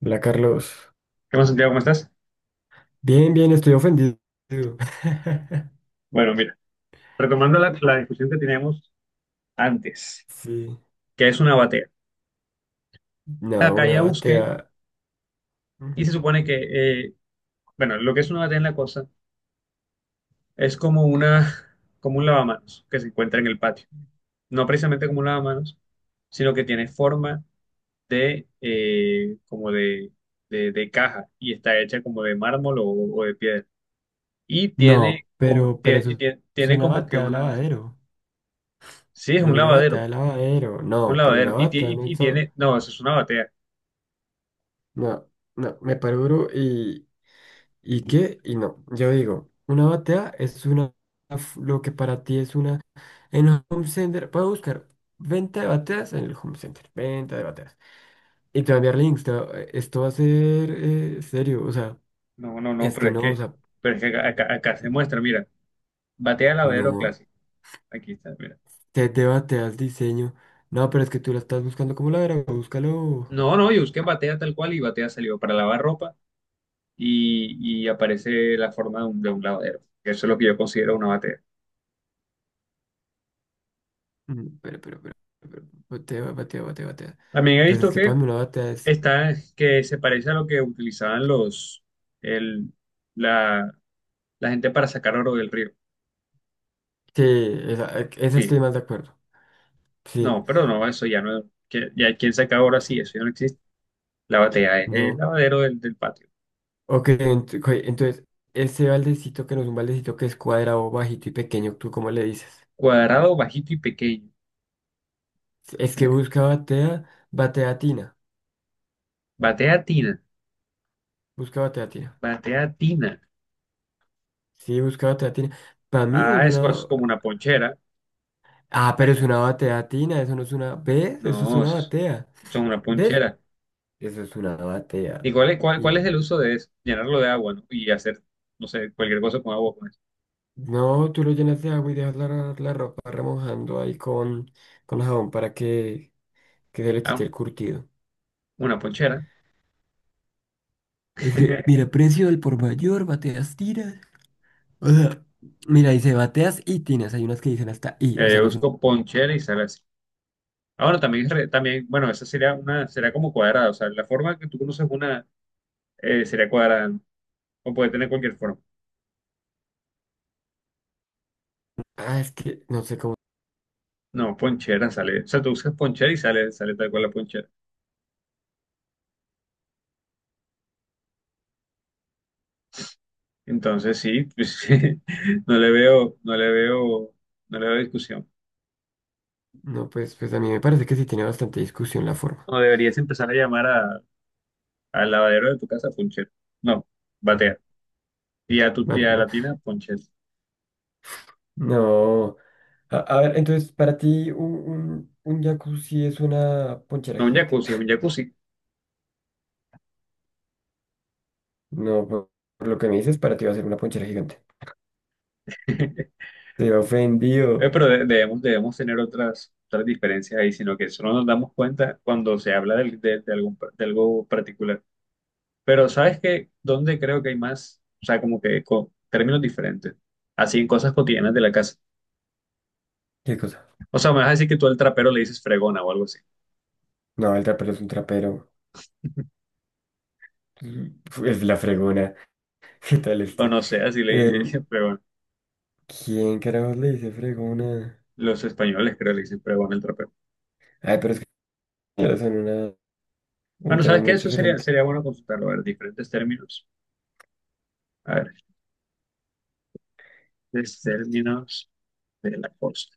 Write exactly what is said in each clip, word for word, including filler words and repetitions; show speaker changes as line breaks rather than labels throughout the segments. Hola, Carlos.
¿Qué más, Santiago? ¿Cómo estás?
Bien, bien, estoy ofendido.
Bueno, mira, retomando la, la discusión que teníamos antes,
Sí.
que es una batea.
No,
Acá
una
ya busqué
batea.
y se supone que, eh, bueno, lo que es una batea en la cosa es como una, como un lavamanos que se encuentra en el patio. No precisamente como un lavamanos, sino que tiene forma de, eh, como de, de, de caja y está hecha como de mármol o, o de piedra. Y tiene
No,
como,
pero, pero
tie-
eso
tie-
es
tiene
una
como que
batea de
una,
lavadero.
sí, es
Es
un
una batea
lavadero,
de lavadero.
un
No, pero
lavadero.
una
Y, tie-
batea
y
no
y
hizo.
tiene, no, eso es una batea.
No, no, me paro duro y. ¿Y qué? Y no. Yo digo, una batea es una. Lo que para ti es una. En el Home Center. Puedo buscar venta de bateas en el Home Center. Venta de bateas. Y te voy a enviar links. te va- Esto va a ser eh, serio. O sea.
No, no, no,
Es
pero
que
es
no, o
que,
sea,
pero es que acá, acá- acá se muestra, mira, batea lavadero
no,
clásico. Aquí está, mira.
te debate al diseño. No, pero es que tú la estás buscando como la verga, búscalo.
No, no, yo busqué batea tal cual y batea salió para lavar ropa y, y aparece la forma de un, de un lavadero. Eso es lo que yo considero una batea.
Mm, pero, pero, pero, pero, batea, batea, batea, batea.
También he
Pues es
visto
que para
que
mí una batea es...
está, que se parece a lo que utilizaban los, el, la, la gente para sacar oro del río.
Sí, esa, eh, esa
Sí,
estoy más de acuerdo. Sí,
no, pero no, eso ya no, que- ya quien saca oro así, eso ya no existe. La batea es el
no.
lavadero del, del patio.
Ok, ent- ok, entonces, ese baldecito que no es un baldecito que es cuadrado, bajito y pequeño, ¿tú cómo le dices?
Cuadrado, bajito y pequeño.
Es que
eh.
busca batea, batea tina.
Batea tina,
Busca batea tina.
batea tina.
Sí, busca batea tina. Para mí es
Ah, eso
una.
es como una ponchera.
Ah, pero es una batea tina, eso no es una... ¿Ves? Eso es
No,
una
eso es-
batea.
Son una
¿Ves?
ponchera.
Eso es una
¿Y
batea.
cuál es, cuál, cuál es
Y...
el uso de eso? Llenarlo de agua, ¿no? Y hacer, no sé, cualquier cosa con agua con eso.
No, tú lo llenas de agua y dejas la, la ropa remojando ahí con, con jabón para que, que se le quite
Ah,
el curtido.
una ponchera.
Es que, mira, precio del por mayor, bateas tiras. O sea, mira, dice bateas y tinas. Hay unas que dicen hasta y, o
Eh,
sea, no es un...
busco ponchera y sale así. Ahora también, es re- también, bueno, esa sería una, será como cuadrada. O sea, la forma que tú conoces una eh, sería cuadrada, ¿no? O puede tener cualquier forma.
Ah, es que no sé cómo...
No, ponchera sale. O sea, tú buscas ponchera y sale, sale tal cual la ponchera. Entonces sí, pues, no le veo, no le veo, no le veo discusión.
No, pues, pues a mí me parece que sí tiene bastante discusión la forma.
No deberías empezar a llamar a, al lavadero de tu casa Punchel. No, batea. Y a tu tía
Batea.
latina Punchel.
No. A, a ver, entonces, para ti, un, un, un jacuzzi es una ponchera
No un
gigante.
jacuzzi, es un jacuzzi.
No, por, por lo que me dices, para ti va a ser una ponchera gigante. Te he
Eh,
ofendido.
Pero de- debemos, debemos tener otras, otras diferencias ahí, sino que solo nos damos cuenta cuando se habla del- de, de, algún, par- de algo particular. Pero ¿sabes qué? ¿Dónde creo que hay más? O sea, como que con términos diferentes. Así en cosas cotidianas de la casa.
¿Qué cosa?
O sea, me vas a decir que tú al trapero le dices fregona o algo así.
No, el trapero es un trapero. Mm, es la fregona. ¿Qué tal
O
este?
no sé, así le
Em,
dicen pregón.
¿quién carajos le dice fregona?
Los españoles creo que le dicen pregón el trapero.
Ay, pero es que ya son una, un
Bueno,
tema
¿sabes qué?
muy
Eso sería,
diferente.
sería bueno consultarlo. A ver, diferentes términos. A ver, diferentes términos de la costa.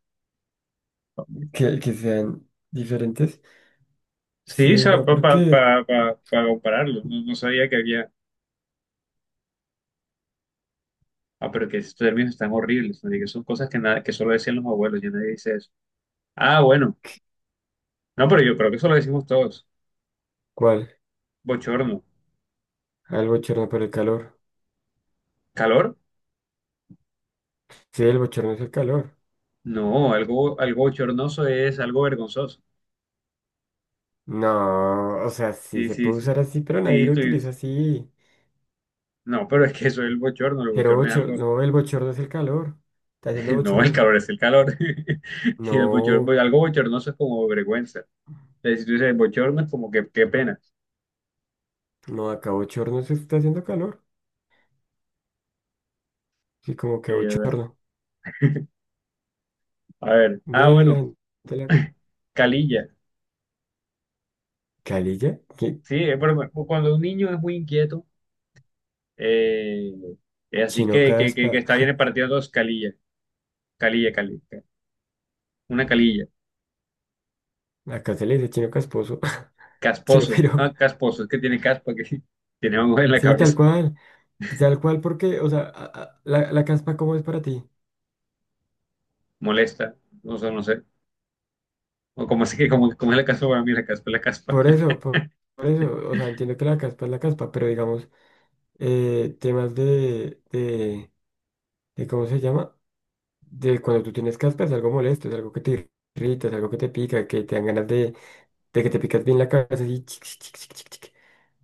Que, que sean diferentes.
Sí,
Sí, no, ¿por qué?
para compararlo. No, no sabía que había. Ah, pero que estos términos están horribles. ¿No? Y que son cosas que, nada, que solo decían los abuelos. Ya nadie dice eso. Ah, bueno. No, pero yo creo que eso lo decimos todos.
¿Cuál?
Bochorno.
Ah, el bochorno por el calor.
¿Calor?
Sí, el bochorno es el calor.
No, algo, algo bochornoso es algo vergonzoso.
No, o sea, sí
Sí,
se
sí,
puede
sí.
usar así, pero nadie
Sí,
lo
tú
utiliza
dices.
así.
No, pero es que eso es el bochorno, el
Pero
bochorno es
bochorno,
algo,
no, el bochorno es el calor. Está haciendo
no, el
bochorno.
calor es el calor. Y el bochorno,
No,
pues, algo bochornoso es como vergüenza. Eh, Si tú dices bochorno es como que qué pena.
no, acá bochorno se está haciendo calor. Sí, como que
Eh,
bochorno.
a ver, ah,
Ve la
bueno,
gente la
calilla.
calilla, que
Sí, eh, pero bueno, cuando un niño es muy inquieto, eh, eh, así
chino
que, que, que, que
caspa.
está bien partido dos, calilla, calilla, calilla, una calilla,
Acá se le dice chino casposo. Chino
casposo,
pero.
ah, casposo, es que tiene caspa, que tiene algo en la
Sí, tal
cabeza,
cual. Tal cual, porque, o sea, a- a- la, la caspa, ¿cómo es para ti?
molesta, no sé, no sé. O como así que, como, como es la caspa para mí, la caspa es la caspa.
Por eso, por por eso. O sea, entiendo que la caspa es la caspa, pero digamos. eh, temas de, de, de, ¿cómo se llama? De cuando tú tienes caspa es algo molesto, es algo que te irrita, es algo que te pica, que te dan ganas de, de que te picas bien la cabeza y chic, chic, chic, chic, chic, chic.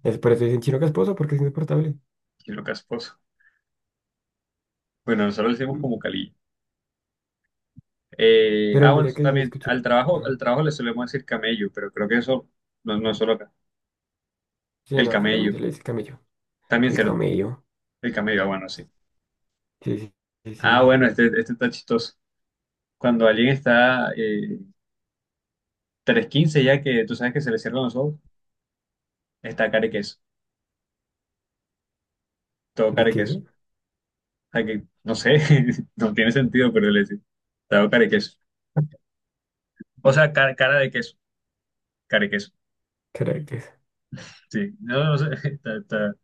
Es por eso dicen chino casposo, porque es insoportable.
Qué lo casposo. Bueno, nosotros le decimos
Mm.
como calillo. Eh,
Pero
ah, bueno,
mira
eso
que se
también
escucha.
al trabajo, al trabajo le solemos decir camello, pero creo que eso no, no es solo acá.
Sí,
El
no, acá también
camello,
se le dice camello.
también
El
cierto.
camello.
El camello, ah, bueno, sí.
Sí, sí, sí,
Ah,
sí.
bueno, este, este está chistoso. Cuando alguien está eh, tres quince ya que tú sabes que se le cierran los ojos, está cara y queso, todo cara y queso.
Riqueza,
O sea que, no sé, no tiene sentido, pero le decimos, todo cara y queso. O sea, cara, cara de queso, cara y queso.
caracas.
Sí, no, no sé, está, está-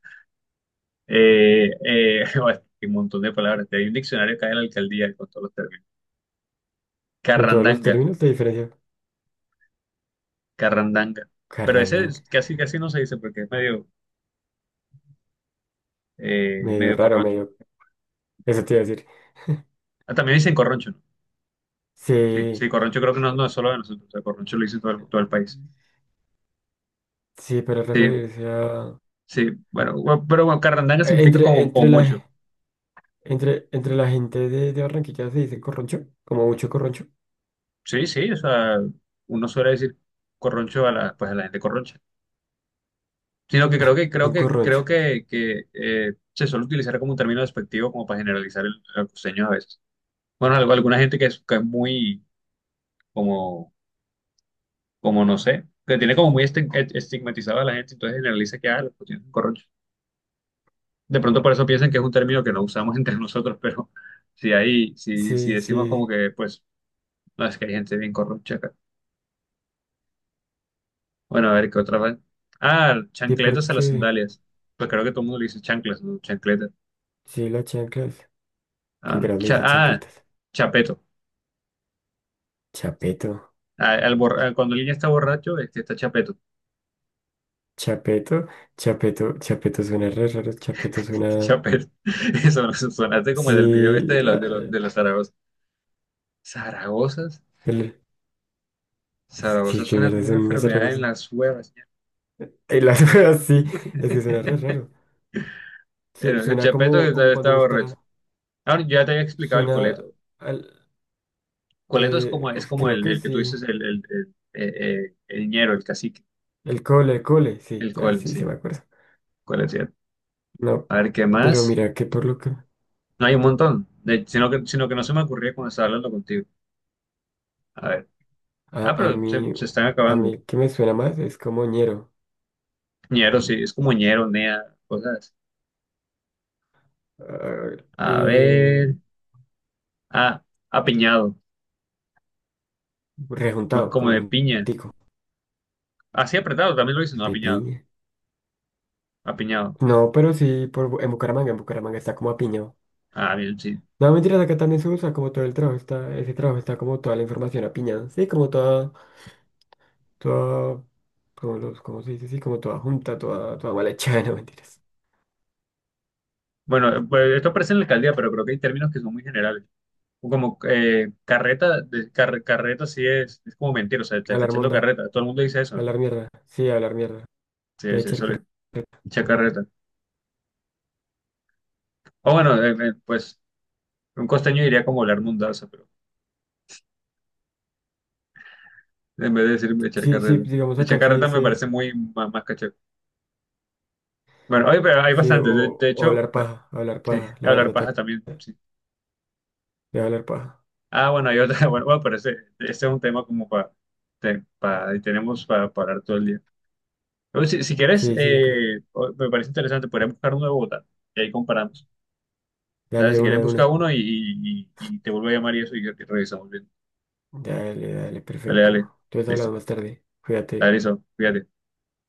Eh, eh, hay un montón de palabras. Hay un diccionario acá en la alcaldía con todos los términos.
Con todos los
Carrandanga,
términos de diferencia.
carrandanga. Pero ese
Carrandang.
es- casi, casi no se dice porque es medio, eh,
Medio
medio
raro,
corroncho.
medio. Eso te iba a decir.
Ah, también dicen corroncho, ¿no? Sí,
Sí.
sí, corroncho creo que no, no es solo de nosotros. O sea, corroncho lo dice todo el, todo el país.
Sí, para
Sí,
referirse a,
sí. Bueno, bu- pero bueno, carrandanga
Eh,
significa
entre,
como, como
entre
mucho.
la, entre, entre la gente de, de Barranquilla se dice corroncho, como mucho corroncho.
Sí, sí, o sea, uno suele decir corroncho a la, pues a la gente corroncha. Sino que creo que creo
Un
que creo
corroncho.
que, que, eh, se suele utilizar como un término despectivo como para generalizar el, el costeño a veces. Bueno, algo, alguna gente que es, que es muy como como no sé, que tiene como muy esti- estigmatizada a la gente, entonces generaliza que ah, los costeños son corronchos. De pronto por eso piensan que es un término que no usamos entre nosotros, pero si hay si si
Sí,
decimos
sí,
como que pues no es que hay gente bien corroncha acá. Bueno, a ver qué otra vez. Ah,
sí,
chancletas a las
porque
sandalias. Pues creo que todo el mundo le dice chanclas, ¿no? Chancletas.
sí, las chanclas. ¿Quién
Ah,
creas le
cha-
dice
ah,
chancletas?
chapeto.
Chapeto,
a- al borra- cuando alguien está borracho, este está chapeto.
chapeto, chapeto, chapeto suena re raro, chapeto suena.
Chapeto. Eso eso sonaste como del video
Sí,
este de los de los
ah,
de los zaragozas. ¿Zaragozas?
el- ¿qué,
Zaragoza
qué
suena
mierda
como una
son unas
enfermedad en
zarragozas?
las huevas.
Y las cosas sí, es que suena re raro. Su-
Bueno, el
Suena
chapeto que
como, como
está,
cuando
está
uno
borracho.
está.
Ahora, yo ya te había explicado el
Suena
coleto.
al.
Coleto es como,
eh,
es como
creo
el,
que
el que tú
sí.
dices, el, el, el, eh, eh, el ñero, el cacique.
El cole, el cole, sí,
El
ya
col,
sí se
sí.
me acuerda.
Coleto,
No,
a ver, ¿qué
pero
más?
mira que por lo que
No hay un montón. De- sino que, sino que no se me ocurría cuando estaba hablando contigo. A ver.
a,
Ah,
a
pero se,
mí,
se están
a mí
acabando.
el que me suena más es como ñero,
Ñero, sí, es como ñero, nea, cosas. Así.
ah,
A
eh,
ver, ah, apiñado, como,
rejuntado,
como
como
de piña.
juntico,
Así apretado, también lo dicen, no,
de
apiñado,
piña.
apiñado.
No, pero sí, por, Bu- en Bucaramanga, en Bucaramanga está como apiñado.
Ah, bien, sí.
No, mentiras, acá también se usa como todo el trabajo, está, ese trabajo está como toda la información apiñada, sí, como toda, toda, como los, ¿cómo se dice? Sí, como toda junta, toda, toda mal hecha, no mentiras.
Bueno, pues esto aparece en la alcaldía, pero creo que hay términos que son muy generales. O como eh, carreta, de- car- carreta sí es, es como mentira, o sea, te está
Hablar
echando
monda,
carreta. Todo el mundo dice eso, ¿no?
hablar mierda, sí, hablar mierda,
Sí,
de
sí,
echar
eso le
carreta.
echa carreta. O bueno, eh, eh, pues un costeño diría como hablar mundaza, pero en vez de decir echar
Sí, sí,
carreta.
digamos
Echar
acá se
carreta me
dice,
parece muy ma- más, cachaco. Bueno, oye, pero hay
sí, o,
bastantes. De, de
o
hecho,
hablar paja, hablar
sí,
paja, la verdad,
hablar
acá
paja también, sí.
de hablar paja.
Ah, bueno, hay otra. Bueno, bueno, pero ese, ese es un tema como para, para, tenemos para, para hablar todo el día. Pero si, si quieres,
Sí, sí, yo creo.
eh, o- me parece interesante, podríamos buscar uno de Bogotá y ahí comparamos.
Dale
Dale,
de
si
una
quieres,
de
busca
una.
uno y, y, y- y te vuelvo a llamar y eso y, y revisamos bien.
Dale, dale,
Dale, dale.
perfecto. Entonces hablamos
Listo.
más tarde.
Dale,
Cuídate.
listo. Fíjate.